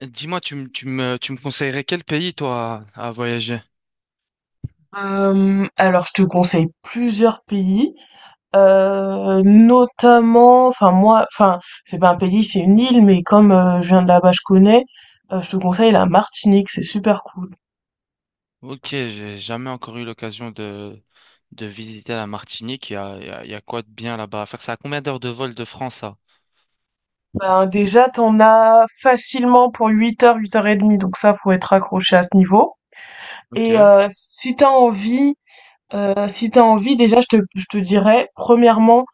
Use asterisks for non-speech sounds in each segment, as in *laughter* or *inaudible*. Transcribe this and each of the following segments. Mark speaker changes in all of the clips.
Speaker 1: Dis-moi, tu me conseillerais quel pays, toi, à voyager?
Speaker 2: Alors je te conseille plusieurs pays, notamment enfin moi enfin c'est pas un pays, c'est une île, mais comme, je viens de là-bas, je connais, je te conseille la Martinique, c'est super cool.
Speaker 1: Ok, j'ai jamais encore eu l'occasion de visiter la Martinique. Il y a, il y a, il y a quoi de bien là-bas à faire? C'est à combien d'heures de vol de France, ça?
Speaker 2: Ben, déjà, t'en as facilement pour 8 heures, 8 heures et demie, donc ça, faut être accroché à ce niveau et
Speaker 1: Ok,
Speaker 2: si t'as envie. Si t'as envie, déjà, je te dirais, premièrement,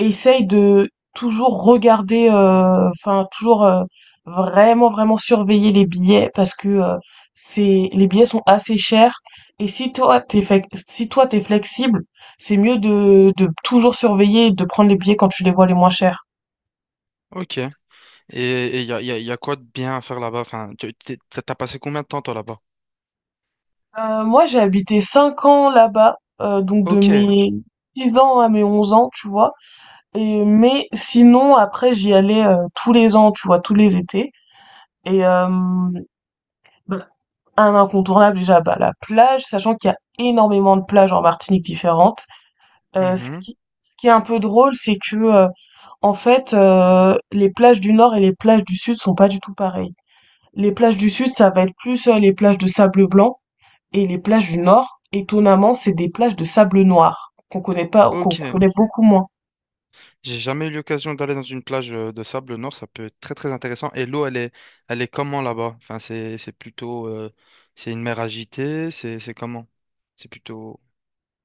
Speaker 2: essaye de toujours regarder, enfin, toujours vraiment, vraiment surveiller les billets parce que c'est, les billets sont assez chers. Et si toi, t'es, si toi, t'es flexible, c'est mieux de toujours surveiller et de prendre les billets quand tu les vois les moins chers.
Speaker 1: ok. Et et il y a, il y a, il y a quoi de bien à faire là-bas? Enfin, t'as passé combien de temps, toi, là-bas?
Speaker 2: Moi, j'ai habité 5 ans là-bas, donc de
Speaker 1: Ok.
Speaker 2: mes 10 ans à mes 11 ans, tu vois. Et mais sinon, après, j'y allais, tous les ans, tu vois, tous les étés et hem, bah, un incontournable déjà, bah, la plage, sachant qu'il y a énormément de plages en Martinique différentes. Heu, ce
Speaker 1: Mhm.
Speaker 2: qui ce qui est un peu drôle, c'est que, en fait, les plages du nord et les plages du sud sont pas du tout pareilles. Les plages du sud, ça va être plus, les plages de sable blanc et les plages du nord, étonnamment, c'est des plages de sable noir qu'on connaît pas qu'on
Speaker 1: Ok.
Speaker 2: connaît beaucoup moins.
Speaker 1: J'ai jamais eu l'occasion d'aller dans une plage de sable, nord. Ça peut être très très intéressant. Et l'eau, elle est comment là-bas? Enfin, c'est plutôt, c'est une mer agitée, c'est comment? C'est plutôt.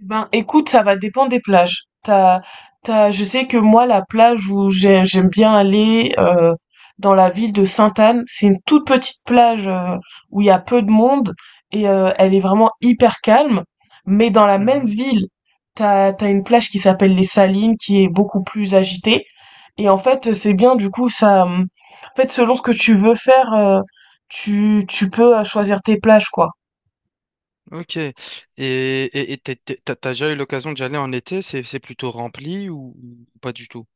Speaker 2: Eh ben, écoute, ça va dépendre des plages. Je sais que moi, la plage où j'aime bien aller, dans la ville de Sainte-Anne, c'est une toute petite plage, où il y a peu de monde et elle est vraiment hyper calme. Mais dans la même
Speaker 1: Mhm.
Speaker 2: ville, t'as une plage qui s'appelle les Salines, qui est beaucoup plus agitée. Et en fait, c'est bien, du coup, ça, en fait, selon ce que tu veux faire, tu peux choisir tes plages, quoi.
Speaker 1: Ok. Et t'as déjà eu l'occasion d'y aller en été? C'est plutôt rempli ou pas du tout?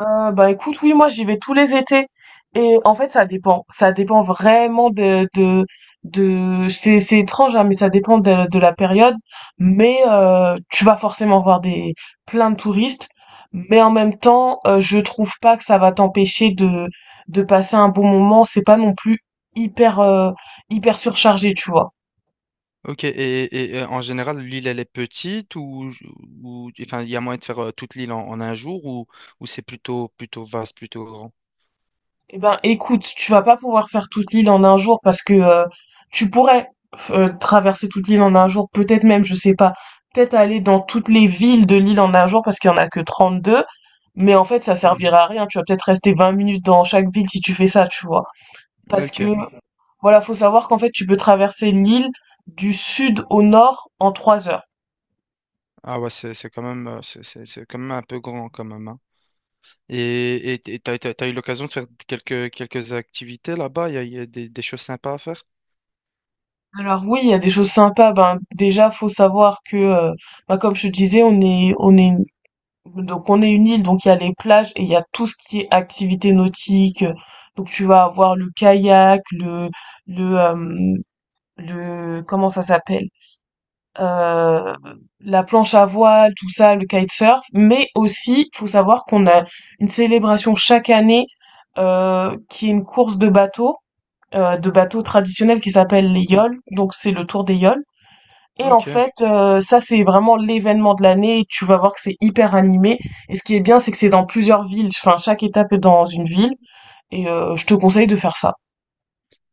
Speaker 2: Bah, écoute, oui, moi, j'y vais tous les étés et en fait, ça dépend. Ça dépend vraiment de c'est étrange, hein, mais ça dépend de la période. Mais tu vas forcément voir des plein de touristes, mais en même temps, je trouve pas que ça va t'empêcher de passer un bon moment. C'est pas non plus hyper, heu, hyper surchargé, tu vois?
Speaker 1: Ok. Et en général, l'île, elle est petite ou, enfin, il y a moyen de faire toute l'île en un jour ou c'est plutôt, plutôt vaste, plutôt grand?
Speaker 2: Eh ben, écoute, tu vas pas pouvoir faire toute l'île en un jour parce que tu pourrais traverser toute l'île en un jour, peut-être même, je sais pas, peut-être aller dans toutes les villes de l'île en un jour parce qu'il y en a que 32, mais en fait, ça
Speaker 1: Mhm.
Speaker 2: servira à rien. Tu vas peut-être rester 20 minutes dans chaque ville si tu fais ça, tu vois. Parce que,
Speaker 1: Ok.
Speaker 2: voilà, faut savoir qu'en fait, tu peux traverser l'île du sud au nord en 3 heures.
Speaker 1: Ah ouais, c'est quand même, c'est quand même un peu grand quand même, hein. Et t'as eu l'occasion de faire quelques, quelques activités là-bas, il y a des choses sympas à faire.
Speaker 2: Alors oui, il y a des choses sympas. Ben déjà, faut savoir que, bah, comme je te disais, on est Donc on est une île, donc il y a les plages et il y a tout ce qui est activité nautique. Donc tu vas avoir le kayak, le euh, le comment ça s'appelle? Euh, la planche à voile, tout ça, le kitesurf. Mais aussi, faut savoir qu'on a une célébration chaque année qui est une course de bateaux, traditionnels qui s'appelle les
Speaker 1: Hmm.
Speaker 2: yoles. Donc c'est le tour des yoles. Et en
Speaker 1: Ok,
Speaker 2: fait, ça c'est vraiment l'événement de l'année, et tu vas voir que c'est hyper animé. Et ce qui est bien, c'est que c'est dans plusieurs villes. Enfin, chaque étape est dans une ville. Et je te conseille de faire ça.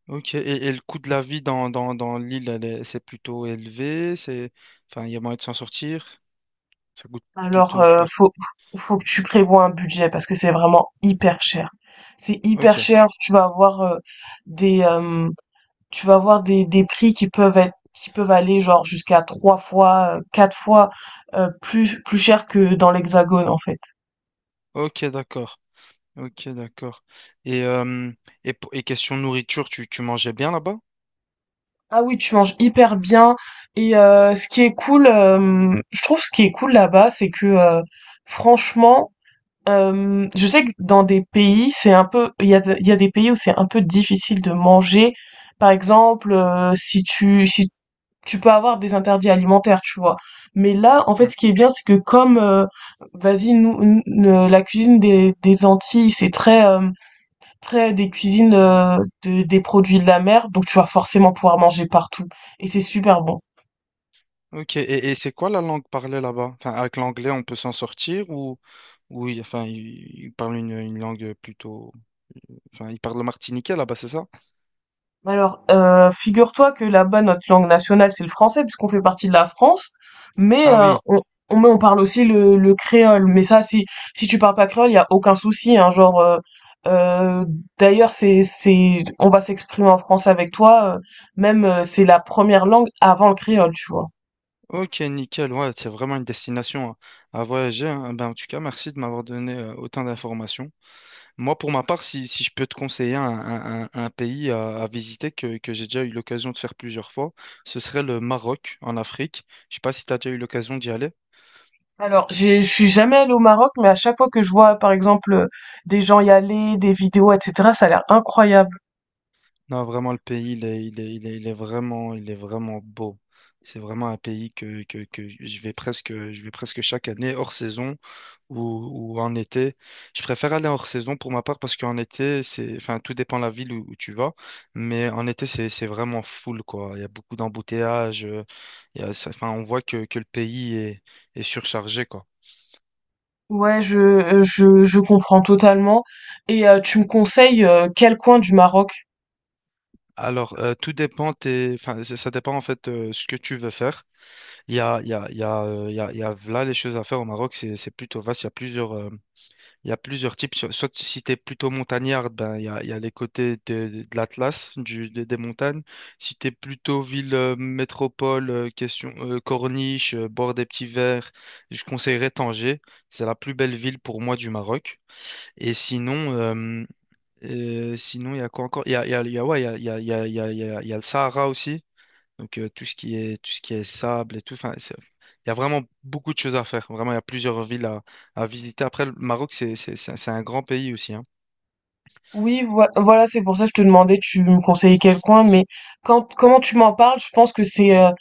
Speaker 1: ok. Et le coût de la vie dans l'île, c'est plutôt élevé, c'est, enfin, il y a moyen de s'en sortir, ça coûte
Speaker 2: Alors,
Speaker 1: plutôt pas.
Speaker 2: faut que tu prévois un budget parce que c'est vraiment hyper cher. C'est
Speaker 1: Ok,
Speaker 2: hyper cher. Des euh, tu vas avoir des prix qui peuvent aller genre jusqu'à 3 fois, 4 fois plus cher que dans l'Hexagone en fait.
Speaker 1: ok, d'accord, ok, d'accord. Et, euh, et, et question nourriture, tu mangeais bien là-bas?
Speaker 2: Ah oui, tu manges hyper bien. Et ce qui est cool, je trouve ce qui est cool là-bas, c'est que franchement, je sais que dans des pays, c'est un peu, il y a des pays où c'est un peu difficile de manger. Par exemple, si tu peux avoir des interdits alimentaires, tu vois. Mais là, en fait, ce qui est bien, c'est que comme, vas-y, la cuisine des Antilles, c'est très, après, des cuisines, de des produits de la mer, donc tu vas forcément pouvoir manger partout et c'est super bon.
Speaker 1: Ok, et c'est quoi la langue parlée là-bas? Enfin, avec l'anglais, on peut s'en sortir ou, enfin, ils il parlent une langue plutôt. Enfin, ils parlent le martiniquais là-bas, c'est ça?
Speaker 2: Alors, figure-toi que là-bas, notre langue nationale, c'est le français puisqu'on fait partie de la France, mais
Speaker 1: Ah
Speaker 2: heu,
Speaker 1: oui,
Speaker 2: on mais on parle aussi le créole, mais ça, si tu parles pas créole, il y a aucun souci, hein, genre, heu, d'ailleurs, c'est on va s'exprimer en français avec toi, même, c'est la première langue avant le créole, tu vois?
Speaker 1: ok, nickel. Ouais, c'est vraiment une destination à voyager, hein. Ben, en tout cas, merci de m'avoir donné autant d'informations. Moi, pour ma part, si je peux te conseiller un pays à visiter que j'ai déjà eu l'occasion de faire plusieurs fois, ce serait le Maroc en Afrique. Je sais pas si tu as déjà eu l'occasion d'y aller.
Speaker 2: Alors, je suis jamais allée au Maroc, mais à chaque fois que je vois, par exemple, des gens y aller, des vidéos, etc., ça a l'air incroyable.
Speaker 1: Non, vraiment, le pays, il est, il est, il est, il est vraiment beau. C'est vraiment un pays que je vais presque chaque année, hors saison ou, ou en été. Je préfère aller hors saison pour ma part parce qu'en été, c'est, enfin, tout dépend de la ville où tu vas. Mais en été, c'est vraiment full, quoi. Il y a beaucoup d'embouteillages. Il y a, ça- enfin, on voit que le pays est surchargé, quoi.
Speaker 2: Ouais, je comprends totalement. Et tu me conseilles quel coin du Maroc?
Speaker 1: Alors, tout dépend, enfin, ça dépend en fait ce que tu veux faire. Il y a, il y a, il y a, il y a, il y a là les choses à faire au Maroc, c'est plutôt vaste. Il y a plusieurs, il y a plusieurs types. Soit si tu es plutôt montagnard, ben, il y a les côtés de l'Atlas, des montagnes. Si tu es plutôt ville, métropole, question, corniche, bord des petits verts, je conseillerais Tanger. C'est la plus belle ville pour moi du Maroc. Et sinon, sinon il y a quoi encore? Il y a, il y a, il y a- Ouais, il y a, il y a, il y a, il y a, il y a il y a le Sahara aussi. Donc tout ce qui est sable et tout, il y a vraiment beaucoup de choses à faire. Vraiment, il y a plusieurs villes à visiter. Après, le Maroc, c'est un grand pays aussi, hein.
Speaker 2: Oui, voilà, c'est pour ça que je te demandais, tu me conseillais quel coin, mais quand, comment tu m'en parles, je pense que c'est,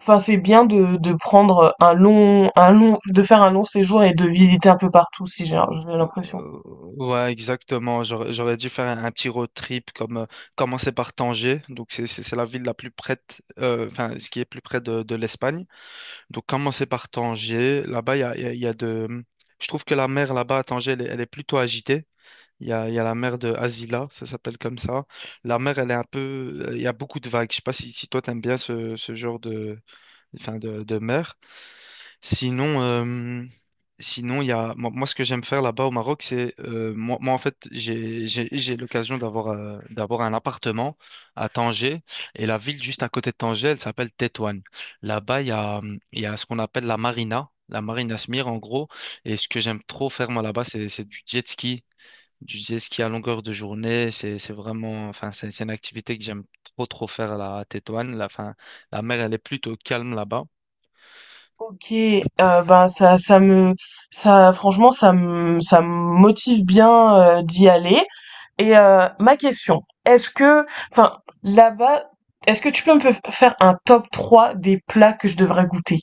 Speaker 2: enfin, c'est bien de prendre un long, de faire un long séjour et de visiter un peu partout, si j'ai j'ai l'impression.
Speaker 1: Euh, ouais, exactement. J'aurais dû faire un petit road trip comme commencer par Tanger. Donc c'est la ville la plus près, enfin ce qui est plus près de l'Espagne. Donc commencer par Tanger. Là-bas, il y a de, je trouve que la mer là-bas à Tanger, elle est plutôt agitée. Il y a la mer de Asila, ça s'appelle comme ça. La mer, elle est un peu. Il y a beaucoup de vagues. Je sais pas si, si toi, t'aimes bien ce genre de, enfin de mer. Sinon, sinon il y a, moi, ce que j'aime faire là-bas au Maroc, c'est. Moi, en fait, j'ai l'occasion d'avoir d'avoir un appartement à Tanger. Et la ville juste à côté de Tanger, elle s'appelle Tétouan. Là-bas, il y a ce qu'on appelle la marina. La marina Smir, en gros. Et ce que j'aime trop faire, moi, là-bas, c'est du jet ski. Du jet ski à longueur de journée, c'est vraiment, c'est une activité que j'aime trop trop faire là, à Tétouan. La fin, la mer elle est plutôt calme là-bas.
Speaker 2: Ok, ben ça, ça, franchement, ça me motive bien d'y aller. Et ma question, est-ce que, enfin, là-bas, est-ce que tu peux me faire un top 3 des plats que je devrais goûter?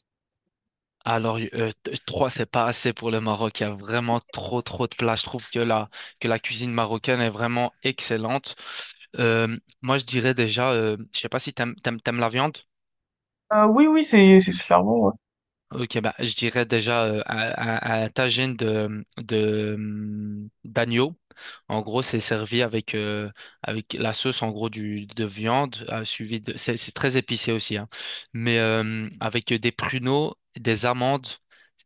Speaker 1: Alors trois c'est pas assez pour le Maroc. Il y a vraiment trop trop de plages. Je trouve que la cuisine marocaine est vraiment excellente. Euh, Moi je dirais déjà, je sais pas si t'aimes la viande.
Speaker 2: Oui, oui, c'est super bon. Ouais.
Speaker 1: Ok, bah, je dirais déjà un tagine d'agneau. En gros, c'est servi avec, avec la sauce en gros de viande, suivi de. C'est très épicé aussi, hein. Mais avec des pruneaux, des amandes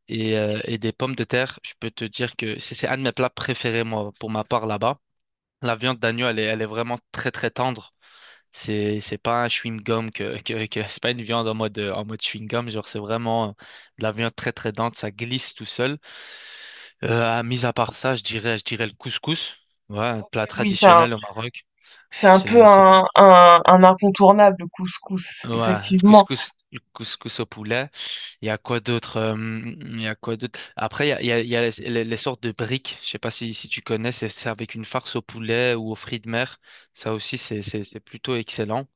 Speaker 1: et des pommes de terre, je peux te dire que c'est un de mes plats préférés, moi, pour ma part là-bas. La viande d'agneau, elle est vraiment très très tendre. C'est pas un chewing-gum que c'est pas une viande en mode chewing-gum, genre c'est vraiment de la viande très très dense, ça glisse tout seul. Mis à part ça, je dirais le couscous. Ouais, un
Speaker 2: Ok,
Speaker 1: plat
Speaker 2: oui,
Speaker 1: traditionnel au Maroc.
Speaker 2: c'est un peu
Speaker 1: C'est
Speaker 2: un incontournable, le couscous,
Speaker 1: Ouais,
Speaker 2: effectivement.
Speaker 1: le couscous au poulet. Il y a quoi d'autre il y a quoi d'autre? Après il y a les sortes de briques. Je sais pas si si tu connais, c'est avec une farce au poulet ou aux fruits de mer. Ça aussi c'est plutôt excellent.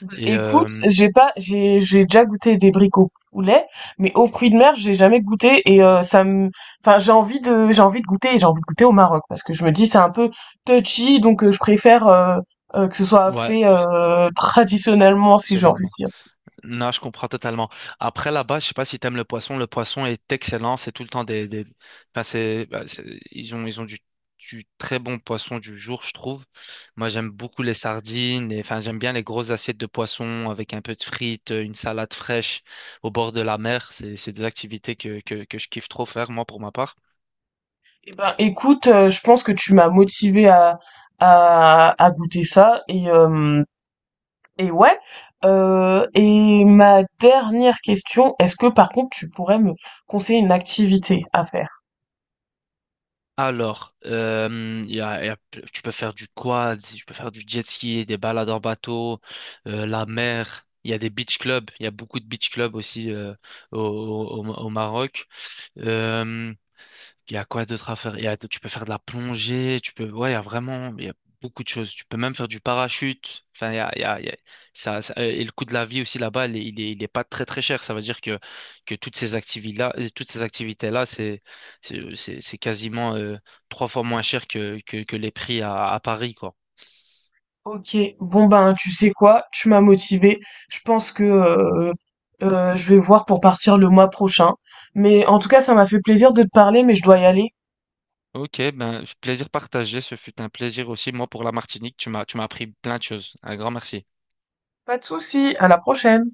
Speaker 2: Bah,
Speaker 1: Et
Speaker 2: écoute, j'ai pas, j'ai déjà goûté des briques au poulet, mais aux fruits de mer, j'ai jamais goûté et enfin, j'ai envie de goûter et j'ai envie de goûter au Maroc parce que je me dis c'est un peu touchy, donc je préfère que ce soit
Speaker 1: ouais,
Speaker 2: fait *laughs* traditionnellement, si j'ai envie de
Speaker 1: personnellement.
Speaker 2: dire.
Speaker 1: Non, je comprends totalement. Après, là-bas, je sais pas si t'aimes le poisson. Le poisson est excellent. C'est tout le temps des... Enfin, c'est, bah, ils ont du très bon poisson du jour, je trouve. Moi, j'aime beaucoup les sardines. Et, enfin, j'aime bien les grosses assiettes de poisson avec un peu de frites, une salade fraîche au bord de la mer. C'est des activités que je kiffe trop faire, moi, pour ma part.
Speaker 2: Eh ben, écoute, je pense que tu m'as motivé à goûter ça. Et ouais. Et ma dernière question, est-ce que par contre tu pourrais me conseiller une activité à faire?
Speaker 1: Alors, tu peux faire du quad, tu peux faire du jet ski, des balades en bateau, la mer. Il y a beaucoup de beach clubs aussi au Maroc. Euh, il y a quoi d'autre à faire? Il y a, tu peux faire de la plongée, tu peux, ouais, il y a beaucoup de choses. Tu peux même faire du parachute. Enfin, il y a, il y a, il y a- ça- Et le coût de la vie aussi là-bas, il est pas très très cher. Ça veut dire que toutes ces toutes ces activités-là, c'est quasiment trois fois moins cher que les prix à Paris, quoi.
Speaker 2: Ok, bon ben tu sais quoi, tu m'as motivé. Je pense que je vais voir pour partir le mois prochain. Mais en tout cas, ça m'a fait plaisir de te parler, mais je dois y aller.
Speaker 1: Ok, ben, plaisir partagé. Ce fut un plaisir aussi, moi, pour la Martinique. Tu m'as appris plein de choses. Un grand merci.
Speaker 2: Pas de souci, à la prochaine.